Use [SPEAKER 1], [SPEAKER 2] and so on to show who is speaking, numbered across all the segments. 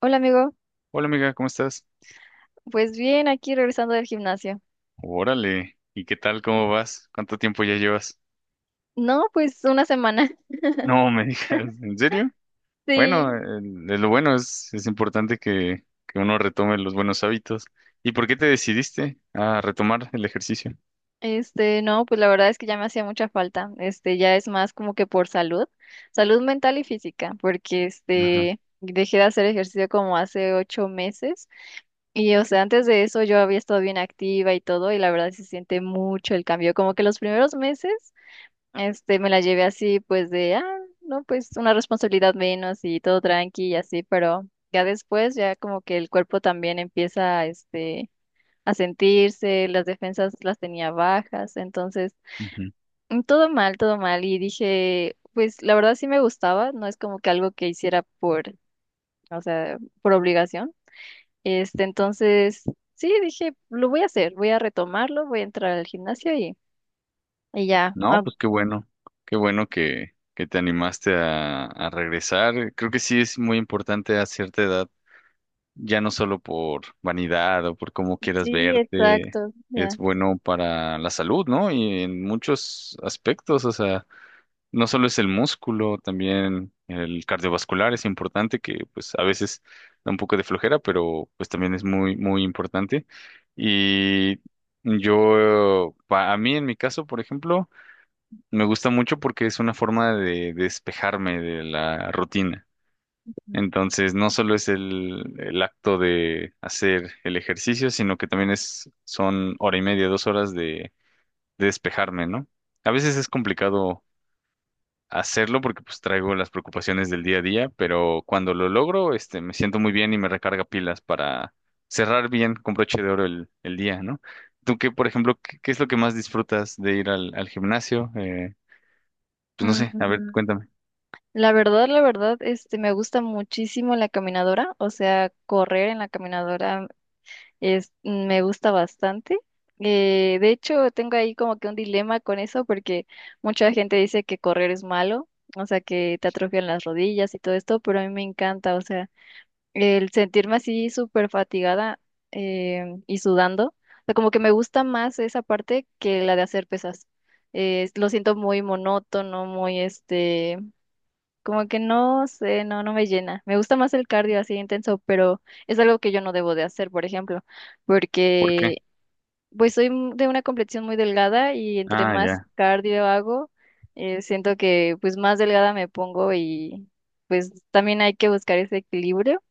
[SPEAKER 1] Hola amigo,
[SPEAKER 2] Hola amiga, ¿cómo estás?
[SPEAKER 1] pues bien, aquí regresando del gimnasio.
[SPEAKER 2] Órale, ¿y qué tal? ¿Cómo vas? ¿Cuánto tiempo ya llevas?
[SPEAKER 1] No, pues una semana.
[SPEAKER 2] No me digas, ¿en serio? Bueno,
[SPEAKER 1] Sí,
[SPEAKER 2] lo bueno es importante que uno retome los buenos hábitos. ¿Y por qué te decidiste a retomar el ejercicio?
[SPEAKER 1] no, pues la verdad es que ya me hacía mucha falta. Ya es más como que por salud, salud mental y física, porque
[SPEAKER 2] Ajá,
[SPEAKER 1] dejé de hacer ejercicio como hace ocho meses. Y o sea, antes de eso yo había estado bien activa y todo, y la verdad sí se siente mucho el cambio, como que los primeros meses. Me la llevé así, pues de, no, pues una responsabilidad menos y todo tranqui y así, pero ya después, ya como que el cuerpo también empieza, a sentirse, las defensas las tenía bajas, entonces,
[SPEAKER 2] ujú.
[SPEAKER 1] todo mal, y dije, pues la verdad sí me gustaba, no es como que algo que hiciera por, o sea, por obligación, entonces, sí, dije, lo voy a hacer, voy a retomarlo, voy a entrar al gimnasio y ya.
[SPEAKER 2] No, pues qué bueno que te animaste a regresar. Creo que sí es muy importante a cierta edad ya no solo por vanidad o por cómo quieras
[SPEAKER 1] Sí,
[SPEAKER 2] verte,
[SPEAKER 1] exacto,
[SPEAKER 2] es
[SPEAKER 1] ya.
[SPEAKER 2] bueno para la salud, ¿no? Y en muchos aspectos, o sea, no solo es el músculo, también el cardiovascular es importante, que pues a veces da un poco de flojera, pero pues también es muy, muy importante. Y yo, a mí en mi caso, por ejemplo, me gusta mucho porque es una forma de despejarme de la rutina. Entonces, no solo es el acto de hacer el ejercicio, sino que también es, son hora y media, 2 horas de despejarme, ¿no? A veces es complicado hacerlo porque pues traigo las preocupaciones del día a día, pero cuando lo logro, me siento muy bien y me recarga pilas para cerrar bien con broche de oro el día, ¿no? ¿Tú qué, por ejemplo, qué, qué es lo que más disfrutas de ir al, al gimnasio? Pues no
[SPEAKER 1] Mm,
[SPEAKER 2] sé, a ver, cuéntame,
[SPEAKER 1] la verdad, la verdad, me gusta muchísimo la caminadora, o sea, correr en la caminadora es, me gusta bastante. De hecho, tengo ahí como que un dilema con eso porque mucha gente dice que correr es malo, o sea, que te atrofian las rodillas y todo esto, pero a mí me encanta, o sea, el sentirme así súper fatigada, y sudando, o sea, como que me gusta más esa parte que la de hacer pesas. Lo siento muy monótono, muy como que no sé, no me llena. Me gusta más el cardio así intenso, pero es algo que yo no debo de hacer, por ejemplo,
[SPEAKER 2] ¿por qué?
[SPEAKER 1] porque pues de una complexión muy delgada y entre
[SPEAKER 2] Ah,
[SPEAKER 1] más
[SPEAKER 2] ya.
[SPEAKER 1] cardio hago, siento que pues más delgada me pongo, y pues también hay que buscar ese equilibrio.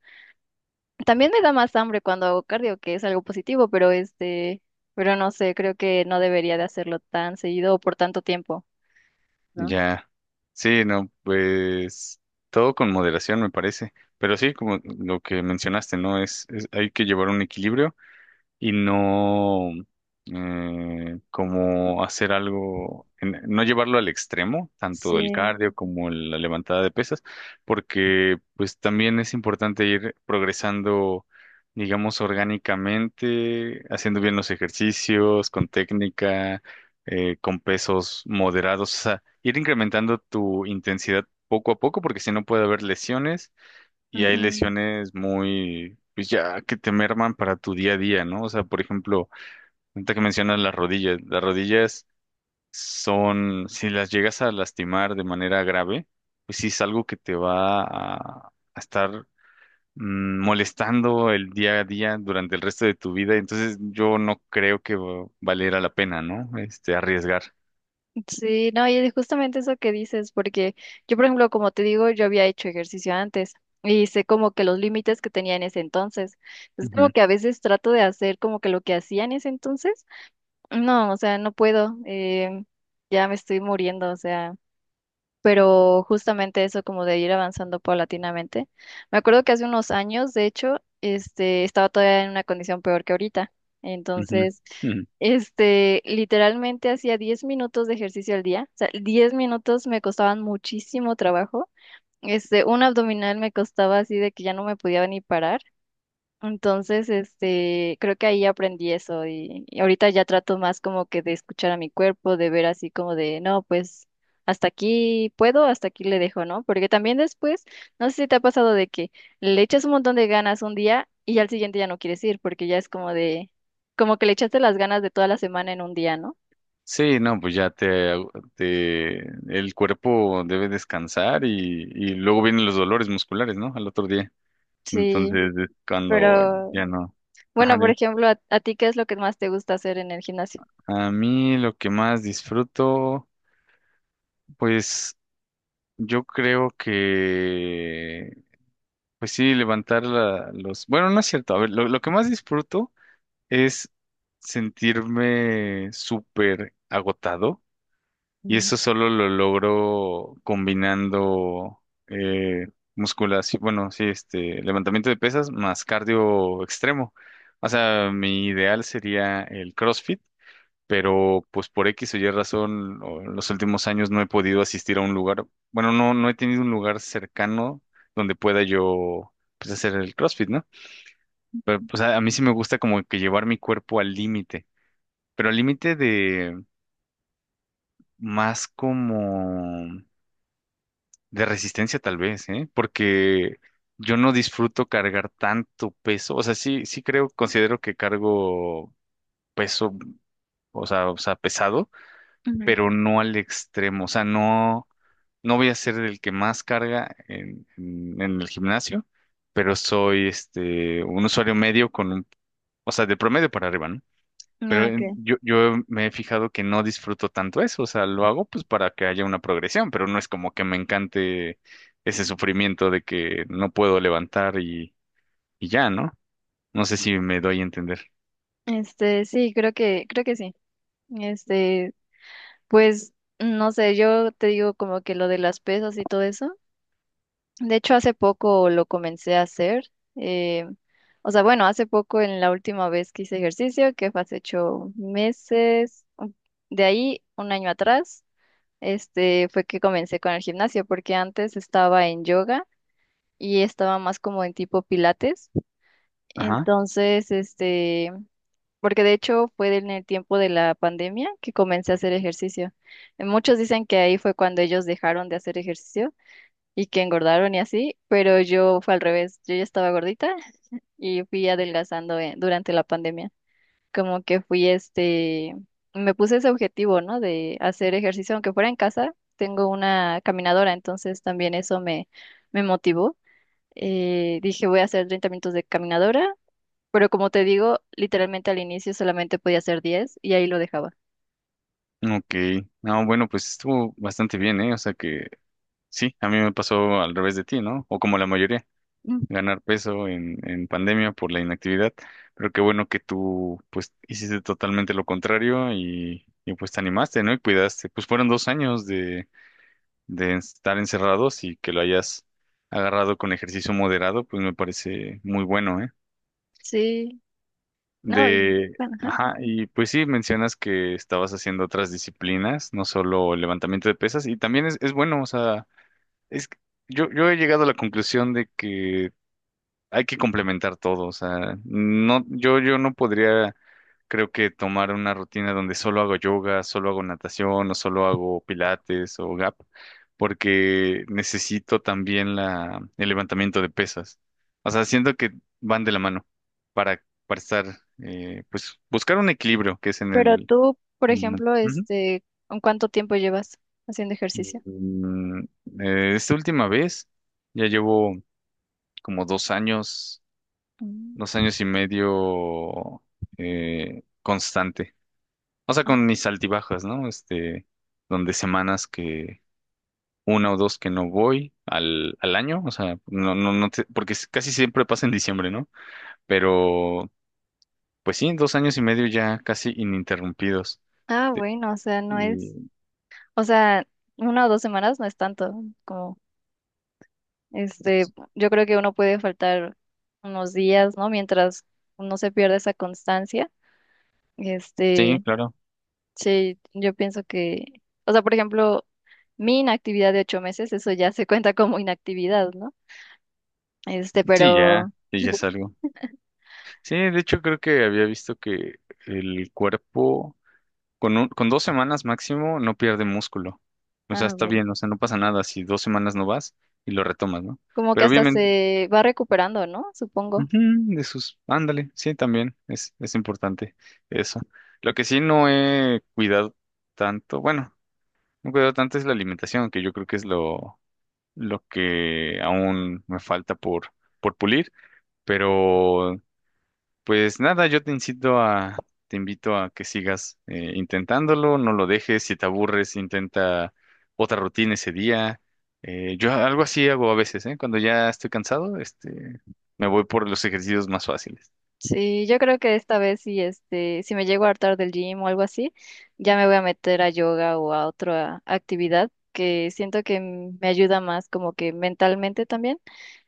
[SPEAKER 1] También me da más hambre cuando hago cardio, que es algo positivo, pero pero no sé, creo que no debería de hacerlo tan seguido o por tanto tiempo, ¿no?
[SPEAKER 2] Ya, sí, no, pues todo con moderación me parece, pero sí, como lo que mencionaste, ¿no? Hay que llevar un equilibrio y no como hacer algo, no llevarlo al extremo, tanto el
[SPEAKER 1] Sí.
[SPEAKER 2] cardio como la levantada de pesas, porque pues también es importante ir progresando, digamos, orgánicamente, haciendo bien los ejercicios, con técnica, con pesos moderados, o sea, ir incrementando tu intensidad poco a poco, porque si no puede haber lesiones y hay
[SPEAKER 1] Ujú.
[SPEAKER 2] lesiones muy, pues ya que te merman para tu día a día, ¿no? O sea, por ejemplo, ahorita que mencionas las rodillas son, si las llegas a lastimar de manera grave, pues sí es algo que te va a estar molestando el día a día durante el resto de tu vida. Entonces yo no creo que valiera la pena, ¿no? Arriesgar.
[SPEAKER 1] Sí, no, y es justamente eso que dices, porque yo, por ejemplo, como te digo, yo había hecho ejercicio antes y sé como que los límites que tenía en ese entonces. Es como
[SPEAKER 2] Ujú,
[SPEAKER 1] que a veces trato de hacer como que lo que hacía en ese entonces. No, o sea, no puedo. Ya me estoy muriendo, o sea, pero justamente eso como de ir avanzando paulatinamente. Me acuerdo que hace unos años, de hecho, estaba todavía en una condición peor que ahorita.
[SPEAKER 2] ujú,
[SPEAKER 1] Entonces,
[SPEAKER 2] ujú.
[SPEAKER 1] literalmente hacía 10 minutos de ejercicio al día. O sea, 10 minutos me costaban muchísimo trabajo. Un abdominal me costaba así de que ya no me podía ni parar. Entonces, creo que ahí aprendí eso, y ahorita ya trato más como que de escuchar a mi cuerpo, de ver así como de, no, pues hasta aquí puedo, hasta aquí le dejo, ¿no? Porque también después, no sé si te ha pasado de que le echas un montón de ganas un día y al siguiente ya no quieres ir porque ya es como de, como que le echaste las ganas de toda la semana en un día, ¿no?
[SPEAKER 2] Sí, no, pues ya te, te- el cuerpo debe descansar y luego vienen los dolores musculares, ¿no? Al otro día.
[SPEAKER 1] Sí,
[SPEAKER 2] Entonces es cuando
[SPEAKER 1] pero
[SPEAKER 2] ya no. Ajá,
[SPEAKER 1] bueno, por
[SPEAKER 2] dime.
[SPEAKER 1] ejemplo, a ti qué es lo que más te gusta hacer en el gimnasio?
[SPEAKER 2] A mí lo que más disfruto, pues yo creo que, pues sí, los... Bueno, no es cierto. A ver, lo que más disfruto es sentirme súper agotado. Y
[SPEAKER 1] Mm.
[SPEAKER 2] eso solo lo logro combinando eh, musculación, bueno, sí, levantamiento de pesas más cardio extremo. O sea, mi ideal sería el CrossFit, pero pues por X o Y razón, o en los últimos años no he podido asistir a un lugar, bueno, no, no he tenido un lugar cercano donde pueda yo pues hacer el CrossFit, ¿no? Pero pues a mí sí me gusta como que llevar mi cuerpo al límite, pero al límite de más como de resistencia tal vez, ¿eh? Porque yo no disfruto cargar tanto peso. O sea, sí, sí creo, considero que cargo peso, o sea, pesado,
[SPEAKER 1] Ujú.
[SPEAKER 2] pero no al extremo. O sea, no, no voy a ser el que más carga en, en el gimnasio, pero soy un usuario medio con un, o sea, de promedio para arriba, ¿no?
[SPEAKER 1] Ah,
[SPEAKER 2] Pero
[SPEAKER 1] ok.
[SPEAKER 2] yo, yo me he fijado que no disfruto tanto eso, o sea, lo hago pues para que haya una progresión, pero no es como que me encante ese sufrimiento de que no puedo levantar y ya, ¿no? No sé si me doy a entender.
[SPEAKER 1] Sí, creo que sí. Este, pues no sé, yo te digo como que lo de las pesas y todo eso. De hecho, hace poco lo comencé a hacer. eh, o sea, bueno, hace poco en la última vez que hice ejercicio, que fue hace ocho meses, de ahí un año atrás, fue que comencé con el gimnasio, porque antes estaba en yoga y estaba más como en tipo pilates.
[SPEAKER 2] Ajá,
[SPEAKER 1] Entonces, porque de hecho fue en el tiempo de la pandemia que comencé a hacer ejercicio. Muchos dicen que ahí fue cuando ellos dejaron de hacer ejercicio y que engordaron y así, pero yo fue al revés. Yo ya estaba gordita y fui adelgazando, durante la pandemia. Como que fui me puse ese objetivo, ¿no? De hacer ejercicio, aunque fuera en casa, tengo una caminadora, entonces también eso me, me motivó. Dije, voy a hacer 30 minutos de caminadora, pero como te digo, literalmente al inicio solamente podía hacer 10 y ahí lo dejaba.
[SPEAKER 2] ok. No, bueno, pues estuvo bastante bien, ¿eh? O sea que sí, a mí me pasó al revés de ti, ¿no? O como la mayoría.
[SPEAKER 1] Mm.
[SPEAKER 2] Ganar peso en pandemia por la inactividad, pero qué bueno que tú pues hiciste totalmente lo contrario y, pues te animaste, ¿no? Y cuidaste. Pues fueron 2 años de estar encerrados y que lo hayas agarrado con ejercicio moderado, pues me parece muy bueno, ¿eh?
[SPEAKER 1] Sí, no, y,
[SPEAKER 2] De,
[SPEAKER 1] bueno, ajá.
[SPEAKER 2] ajá, y pues sí, mencionas que estabas haciendo otras disciplinas, no solo el levantamiento de pesas, y también es bueno, o sea, es, que yo he llegado a la conclusión de que hay que complementar todo, o sea, no, yo no podría, creo que tomar una rutina donde solo hago yoga, solo hago natación, o solo hago pilates o gap, porque necesito también la, el levantamiento de pesas. O sea, siento que van de la mano para estar, pues, buscar un equilibrio que es en
[SPEAKER 1] Pero
[SPEAKER 2] el...
[SPEAKER 1] tú, por
[SPEAKER 2] mm,
[SPEAKER 1] ejemplo,
[SPEAKER 2] ujú.
[SPEAKER 1] ¿en cuánto tiempo llevas haciendo ejercicio?
[SPEAKER 2] Mm, esta última vez ya llevo como 2 años,
[SPEAKER 1] Mm,
[SPEAKER 2] 2 años y medio constante. O sea,
[SPEAKER 1] Ah,
[SPEAKER 2] con mis altibajas, ¿no? Donde semanas que una o dos que no voy al, al año, o sea, no, no, porque casi siempre pasa en diciembre, ¿no? Pero, pues sí, 2 años y medio ya casi ininterrumpidos.
[SPEAKER 1] ah,
[SPEAKER 2] De-
[SPEAKER 1] bueno, o sea, no es,
[SPEAKER 2] Y,
[SPEAKER 1] o sea, una o dos semanas no es tanto, como, este, yo creo que uno puede faltar unos días, ¿no? Mientras no se pierde esa constancia,
[SPEAKER 2] sí,
[SPEAKER 1] este,
[SPEAKER 2] claro,
[SPEAKER 1] sí, yo pienso que, o sea, por ejemplo, mi inactividad de ocho meses, eso ya se cuenta como inactividad, ¿no?
[SPEAKER 2] sí,
[SPEAKER 1] Pero,
[SPEAKER 2] ya, sí, ya es algo. Sí, de hecho creo que había visto que el cuerpo con, con 2 semanas máximo no pierde músculo. O sea,
[SPEAKER 1] ah,
[SPEAKER 2] está
[SPEAKER 1] bueno,
[SPEAKER 2] bien, o sea, no pasa nada si 2 semanas no vas y lo retomas, ¿no?
[SPEAKER 1] como que
[SPEAKER 2] Pero
[SPEAKER 1] hasta
[SPEAKER 2] obviamente,
[SPEAKER 1] se va recuperando, ¿no? Supongo.
[SPEAKER 2] ujú, de sus, ándale, sí, también es importante eso. Lo que sí no he cuidado tanto, bueno, no he cuidado tanto es la alimentación, que yo creo que es lo que aún me falta por pulir, pero pues nada, yo te incito a, te invito a que sigas intentándolo, no lo dejes, si te aburres, intenta otra rutina ese día. Yo algo así hago a veces, ¿eh? Cuando ya estoy cansado, me voy por los ejercicios más fáciles.
[SPEAKER 1] Sí, yo creo que esta vez si si me llego a hartar del gym o algo así, ya me voy a meter a yoga o a otra actividad que siento que me ayuda más como que mentalmente también.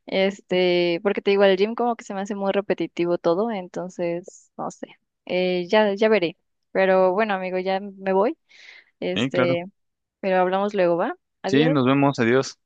[SPEAKER 1] Porque te digo, al gym como que se me hace muy repetitivo todo, entonces, no sé. Ya, ya veré. Pero bueno, amigo, ya me voy.
[SPEAKER 2] Sí, claro.
[SPEAKER 1] Este, pero hablamos luego, ¿va?
[SPEAKER 2] Sí,
[SPEAKER 1] Adiós.
[SPEAKER 2] nos vemos, adiós.